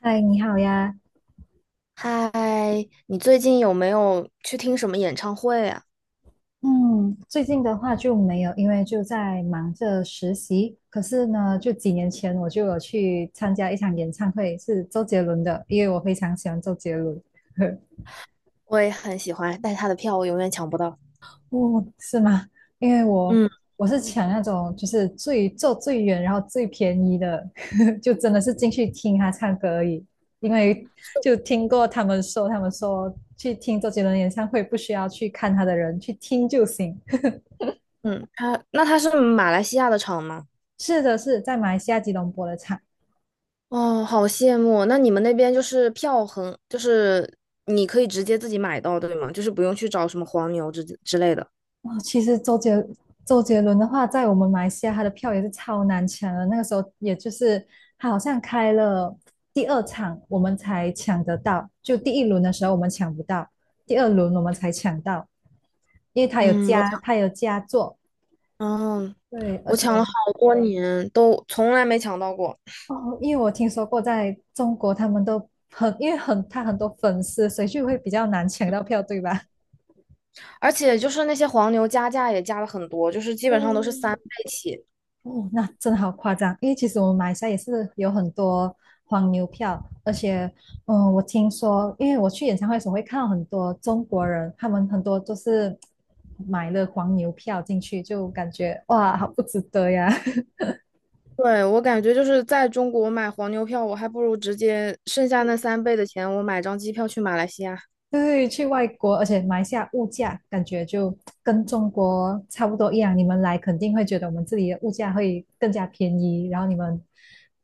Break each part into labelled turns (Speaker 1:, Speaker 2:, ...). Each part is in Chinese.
Speaker 1: 嗨，你好呀。
Speaker 2: 嗨，你最近有没有去听什么演唱会啊？
Speaker 1: 嗯，最近的话就没有，因为就在忙着实习。可是呢，就几年前我就有去参加一场演唱会，是周杰伦的，因为我非常喜欢周杰伦。
Speaker 2: 我也很喜欢，但他的票我永远抢不到。
Speaker 1: 哦，是吗？因为我
Speaker 2: 嗯
Speaker 1: 我是抢那种就是最坐最远，然后最便宜的，就真的是进去听他唱歌而已。因为就听过他们说，他们说去听周杰伦演唱会不需要去看他的人，去听就行。
Speaker 2: 嗯，那他是马来西亚的场吗？
Speaker 1: 是的，是在马来西亚吉隆坡的场。
Speaker 2: 哦，好羡慕。那你们那边就是票很，就是你可以直接自己买到，对吗？就是不用去找什么黄牛之类的。
Speaker 1: 哦，其实周杰伦的话，在我们马来西亚他的票也是超难抢的。那个时候，也就是他好像开了第二场，我们才抢得到。就第一轮的时候我们抢不到，第二轮我们才抢到，因为他有
Speaker 2: 嗯，
Speaker 1: 加他有加座。
Speaker 2: 哦，
Speaker 1: 对，而
Speaker 2: 我
Speaker 1: 且
Speaker 2: 抢了好多年，都从来没抢到过。
Speaker 1: 哦，因为我听说过在中国他们都很，因为很他很多粉丝，所以就会比较难抢到票，对吧？
Speaker 2: 而且就是那些黄牛加价也加了很多，就是基
Speaker 1: 对，
Speaker 2: 本上都是三倍起。
Speaker 1: 哦，那真的好夸张，因为其实我们马来西亚也是有很多黄牛票，而且，嗯，我听说，因为我去演唱会的时候会看到很多中国人，他们很多都是买了黄牛票进去，就感觉哇，好不值得呀。
Speaker 2: 对，我感觉就是在中国买黄牛票，我还不如直接剩下那三倍的钱，我买张机票去马来西亚。
Speaker 1: 对，去外国，而且马来西亚物价感觉就跟中国差不多一样，你们来肯定会觉得我们这里的物价会更加便宜，然后你们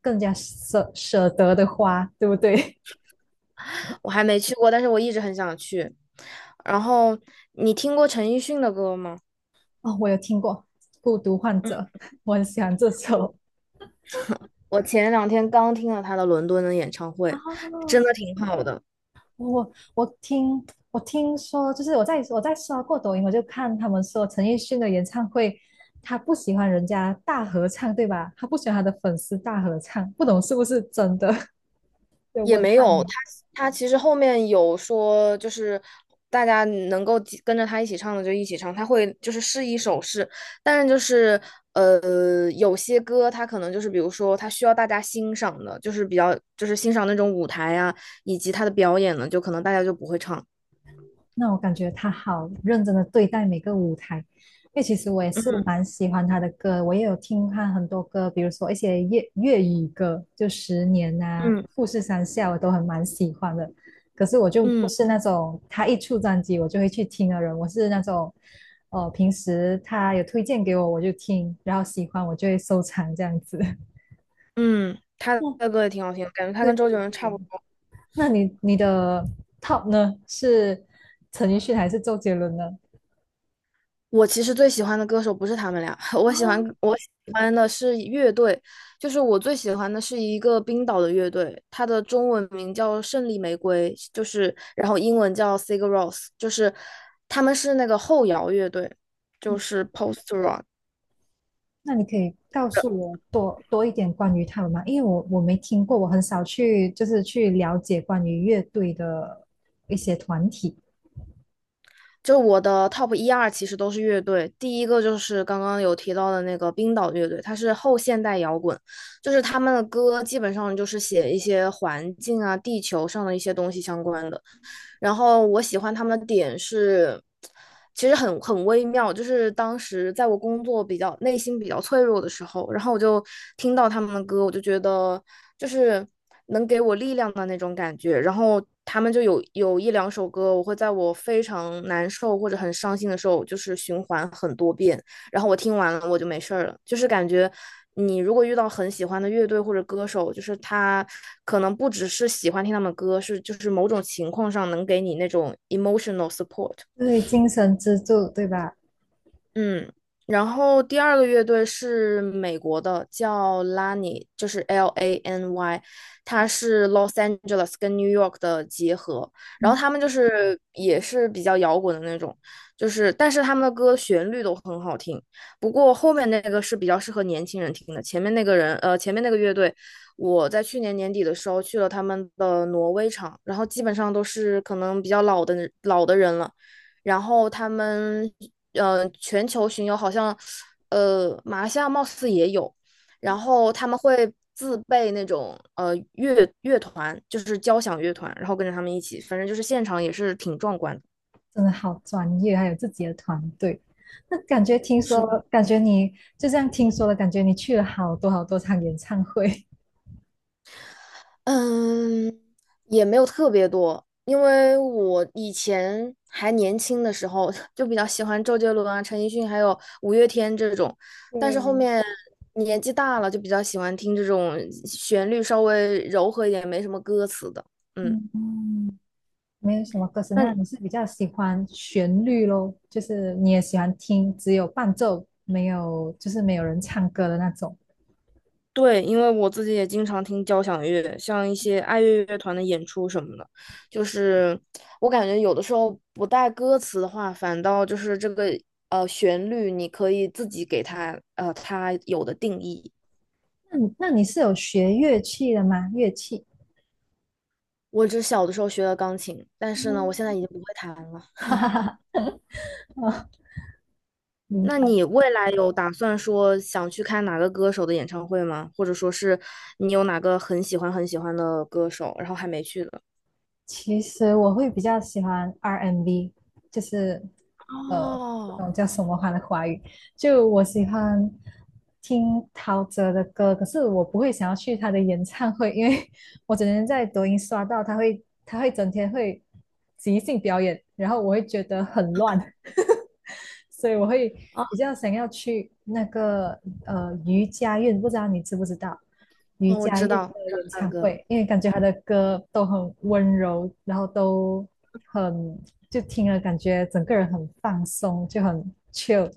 Speaker 1: 更加舍得的花，对不对？
Speaker 2: 我还没去过，但是我一直很想去。然后你听过陈奕迅的歌吗？
Speaker 1: 哦，我有听过《孤独患者》，我很喜欢这首。
Speaker 2: 我前两天刚听了他的伦敦的演唱会，
Speaker 1: 哦，
Speaker 2: 真的挺好的。
Speaker 1: 我我听我听说，就是我在刷过抖音，我就看他们说陈奕迅的演唱会，他不喜欢人家大合唱，对吧？他不喜欢他的粉丝大合唱，不懂是不是真的？就
Speaker 2: 也
Speaker 1: 问
Speaker 2: 没
Speaker 1: 看
Speaker 2: 有，
Speaker 1: 你。
Speaker 2: 他其实后面有说，就是大家能够几跟着他一起唱的就一起唱，他会就是试一首试，但是就是有些歌他可能就是比如说他需要大家欣赏的，就是比较就是欣赏那种舞台啊，以及他的表演呢，就可能大家就不会唱。
Speaker 1: 那我感觉他好认真的对待每个舞台，因为其实我也是蛮喜欢他的歌，我也有听他很多歌，比如说一些粤语歌，就《十年》啊，
Speaker 2: 嗯
Speaker 1: 《富士山下》，我都很蛮喜欢的。可是我就不
Speaker 2: 嗯
Speaker 1: 是那种他一出专辑我就会去听的人，我是那种，哦，平时他有推荐给我就听，然后喜欢我就会收藏这样子。
Speaker 2: 嗯，他
Speaker 1: 嗯，
Speaker 2: 的歌也挺好听的，感觉他
Speaker 1: 对
Speaker 2: 跟周
Speaker 1: 对
Speaker 2: 杰伦差不
Speaker 1: 对。
Speaker 2: 多。
Speaker 1: 那你的 top 呢？是陈奕迅还是周杰伦呢？
Speaker 2: 我其实最喜欢的歌手不是他们俩，我喜欢的是乐队，就是我最喜欢的是一个冰岛的乐队，它的中文名叫胜利玫瑰，就是然后英文叫 Sigur Rós，就是他们是那个后摇乐队，就是 post rock。
Speaker 1: 那你可以告诉我多一点关于他们吗？因为我没听过，我很少去就是去了解关于乐队的一些团体。
Speaker 2: 就我的 top 一二其实都是乐队，第一个就是刚刚有提到的那个冰岛乐队，它是后现代摇滚，就是他们的歌基本上就是写一些环境啊、地球上的一些东西相关的。然后我喜欢他们的点是，其实很微妙，就是当时在我工作比较内心比较脆弱的时候，然后我就听到他们的歌，我就觉得就是能给我力量的那种感觉。然后他们就有一两首歌，我会在我非常难受或者很伤心的时候，就是循环很多遍。然后我听完了我就没事儿了，就是感觉。你如果遇到很喜欢的乐队或者歌手，就是他可能不只是喜欢听他们歌，是就是某种情况上能给你那种 emotional support。
Speaker 1: 对，精神支柱，对吧？
Speaker 2: 嗯，然后第二个乐队是美国的，叫 Lany，就是 L A N Y，它是 Los Angeles 跟 New York 的结合。然后他们就是也是比较摇滚的那种，就是但是他们的歌旋律都很好听。不过后面那个是比较适合年轻人听的，前面那个乐队，我在去年年底的时候去了他们的挪威场，然后基本上都是可能比较老的老的人了。然后他们全球巡游好像马来西亚貌似也有，然后他们会自备那种团，就是交响乐团，然后跟着他们一起，反正就是现场也是挺壮观的。
Speaker 1: 真的好专业，还有自己的团队。那感觉听
Speaker 2: 是。
Speaker 1: 说，感觉你就这样听说了，感觉你去了好多好多场演唱会。
Speaker 2: 嗯，也没有特别多，因为我以前还年轻的时候 就比较喜欢周杰伦啊、陈奕迅还有五月天这种，但是后
Speaker 1: 对，
Speaker 2: 面年纪大了就比较喜欢听这种旋律稍微柔和一点、没什么歌词的。嗯，
Speaker 1: 嗯嗯，没有什么歌词，那你
Speaker 2: 那。
Speaker 1: 是比较喜欢旋律咯，就是你也喜欢听只有伴奏，没有就是没有人唱歌的那种。
Speaker 2: 对，因为我自己也经常听交响乐，像一些爱乐乐团的演出什么的，就是我感觉有的时候不带歌词的话，反倒就是这个旋律，你可以自己给它有的定义。
Speaker 1: 那你是有学乐器的吗？乐器？
Speaker 2: 我只小的时候学了钢琴，但是呢，我现在
Speaker 1: 嗯
Speaker 2: 已经不会弹了。
Speaker 1: 哦，明
Speaker 2: 那
Speaker 1: 白。
Speaker 2: 你未来有打算说想去看哪个歌手的演唱会吗？或者说是你有哪个很喜欢很喜欢的歌手，然后还没去的？
Speaker 1: 其实我会比较喜欢 R&B，就是呃，不
Speaker 2: 哦，
Speaker 1: 懂叫什么话的华语。就我喜欢听陶喆的歌，可是我不会想要去他的演唱会，因为我整天在抖音刷到他会，他会整天会即兴表演，然后我会觉得很乱。所以我会比较想要去那个余佳运，不知道你知不知道余
Speaker 2: 哦，我
Speaker 1: 佳
Speaker 2: 知
Speaker 1: 运
Speaker 2: 道，
Speaker 1: 的
Speaker 2: 知道
Speaker 1: 演
Speaker 2: 那
Speaker 1: 唱
Speaker 2: 个。
Speaker 1: 会，因为感觉他的歌都很温柔，然后都很就听了感觉整个人很放松，就很 chill。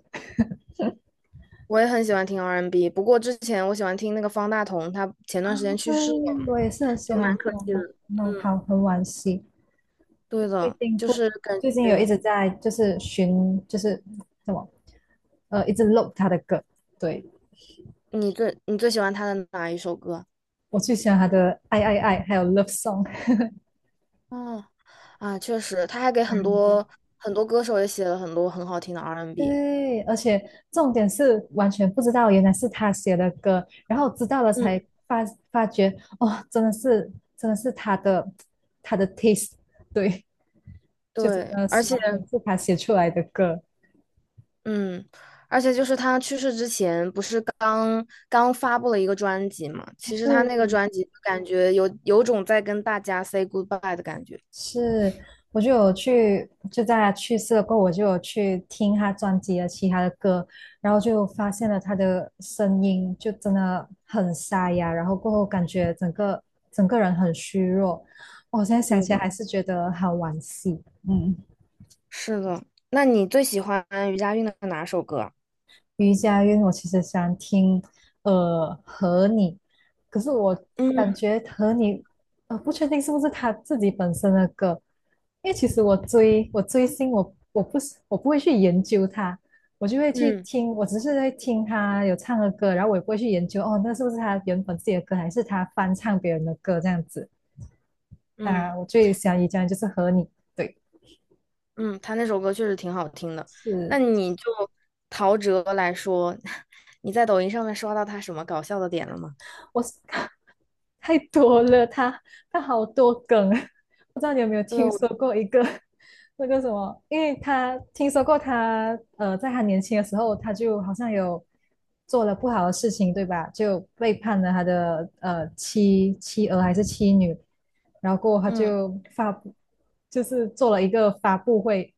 Speaker 2: 我也很喜欢听 R&B，不过之前我喜欢听那个方大同，他前段时间去
Speaker 1: 对，
Speaker 2: 世了，
Speaker 1: 我也是很喜
Speaker 2: 就蛮
Speaker 1: 欢
Speaker 2: 可
Speaker 1: 他，
Speaker 2: 惜的。
Speaker 1: 种，那好，很惋惜，
Speaker 2: 对
Speaker 1: 最
Speaker 2: 的，
Speaker 1: 近
Speaker 2: 就
Speaker 1: 不
Speaker 2: 是感
Speaker 1: 最近有一
Speaker 2: 觉
Speaker 1: 直在就是寻就是什么一直 look 他的歌，对
Speaker 2: 你最喜欢他的哪一首歌？
Speaker 1: 我最喜欢他的爱，还有 love song。
Speaker 2: 哦，啊，确实，他还给很 多很多歌手也写了很多很好听的 R&B。
Speaker 1: 对，而且重点是完全不知道原来是他写的歌，然后知道了 才
Speaker 2: 嗯，
Speaker 1: 发发觉，哦，真的是他的他的 taste，对，就真
Speaker 2: 对，
Speaker 1: 的是完全是他写出来的歌。
Speaker 2: 嗯，而且就是他去世之前不是刚刚发布了一个专辑嘛？其实他
Speaker 1: 对。
Speaker 2: 那个专辑感觉有种在跟大家 say goodbye 的感觉。
Speaker 1: 是，我就有去，就在他去世了过后，我就有去听他专辑的其他的歌，然后就发现了他的声音就真的很沙哑，然后过后感觉整个人很虚弱，我现在想
Speaker 2: 对
Speaker 1: 起来
Speaker 2: 的。
Speaker 1: 还是觉得好惋惜。嗯
Speaker 2: 是的，那你最喜欢于佳韵的哪首歌？
Speaker 1: 瑜伽音，因为我其实想听和你，可是我感
Speaker 2: 嗯
Speaker 1: 觉和你不确定是不是他自己本身的歌，因为其实我追星，我不会去研究他，我就会去
Speaker 2: 嗯
Speaker 1: 听，我只是在听他有唱的歌，然后我也不会去研究哦，那是不是他原本自己的歌，还是他翻唱别人的歌这样子。当
Speaker 2: 嗯
Speaker 1: 然，我最想瑜伽就是和你，对，
Speaker 2: 嗯，他那首歌确实挺好听的。
Speaker 1: 是。
Speaker 2: 那你就陶喆来说，你在抖音上面刷到他什么搞笑的点了吗？
Speaker 1: 我 太多了，他他好多梗啊，不知道你有没有
Speaker 2: 对，
Speaker 1: 听
Speaker 2: 我
Speaker 1: 说过一个 那个什么？因为他听说过他在他年轻的时候，他就好像有做了不好的事情，对吧？就背叛了他的妻儿还是妻女，然后过后他
Speaker 2: 嗯
Speaker 1: 就发布，就是做了一个发布会，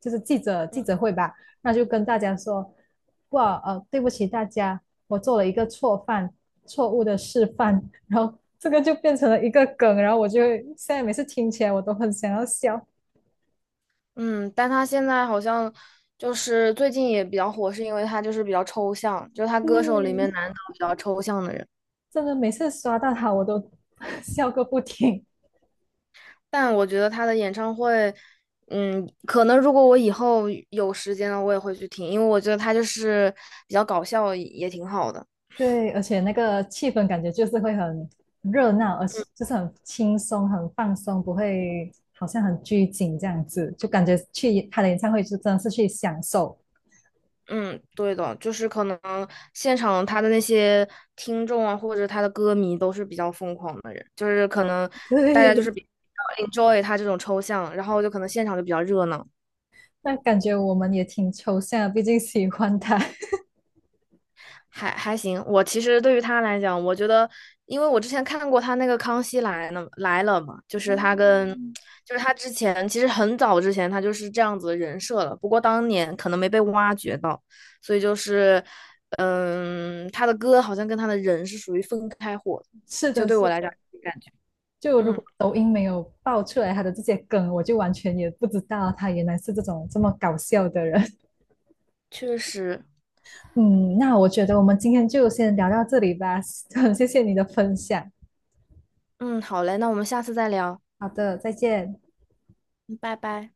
Speaker 1: 就是记者会吧，那就跟大家说，哇对不起大家，我做了一个错犯，错误的示范，然后这个就变成了一个梗，然后我就现在每次听起来我都很想要笑，
Speaker 2: 嗯，但他现在好像就是最近也比较火，是因为他就是比较抽象，就是他歌手里面
Speaker 1: 嗯，
Speaker 2: 难得比较抽象的人。
Speaker 1: 真的每次刷到他我都 笑个不停，
Speaker 2: 但我觉得他的演唱会，可能如果我以后有时间了，我也会去听，因为我觉得他就是比较搞笑，也挺好的。
Speaker 1: 对，而且那个气氛感觉就是会很热闹，而且就是很轻松、很放松，不会好像很拘谨这样子，就感觉去他的演唱会就真的是去享受，
Speaker 2: 嗯，对的，就是可能现场他的那些听众啊，或者他的歌迷都是比较疯狂的人，就是可能大家就是
Speaker 1: 对，
Speaker 2: 比较 enjoy 他这种抽象，然后就可能现场就比较热闹。
Speaker 1: 那感觉我们也挺抽象的，毕竟喜欢他。
Speaker 2: 还行，我其实对于他来讲，我觉得，因为我之前看过他那个《康熙来了》来了嘛，就是他跟，
Speaker 1: 嗯
Speaker 2: 就是他之前其实很早之前他就是这样子的人设了，不过当年可能没被挖掘到，所以就是，嗯，他的歌好像跟他的人是属于分开火的
Speaker 1: 是
Speaker 2: 就
Speaker 1: 的，
Speaker 2: 对我
Speaker 1: 是
Speaker 2: 来讲感觉，
Speaker 1: 就如
Speaker 2: 嗯，
Speaker 1: 果抖音没有爆出来他的这些梗，我就完全也不知道他原来是这种这么搞笑的人。
Speaker 2: 确实，
Speaker 1: 嗯，那我觉得我们今天就先聊到这里吧，很谢谢你的分享。
Speaker 2: 嗯，好嘞，那我们下次再聊，
Speaker 1: 好的，再见。
Speaker 2: 嗯拜拜。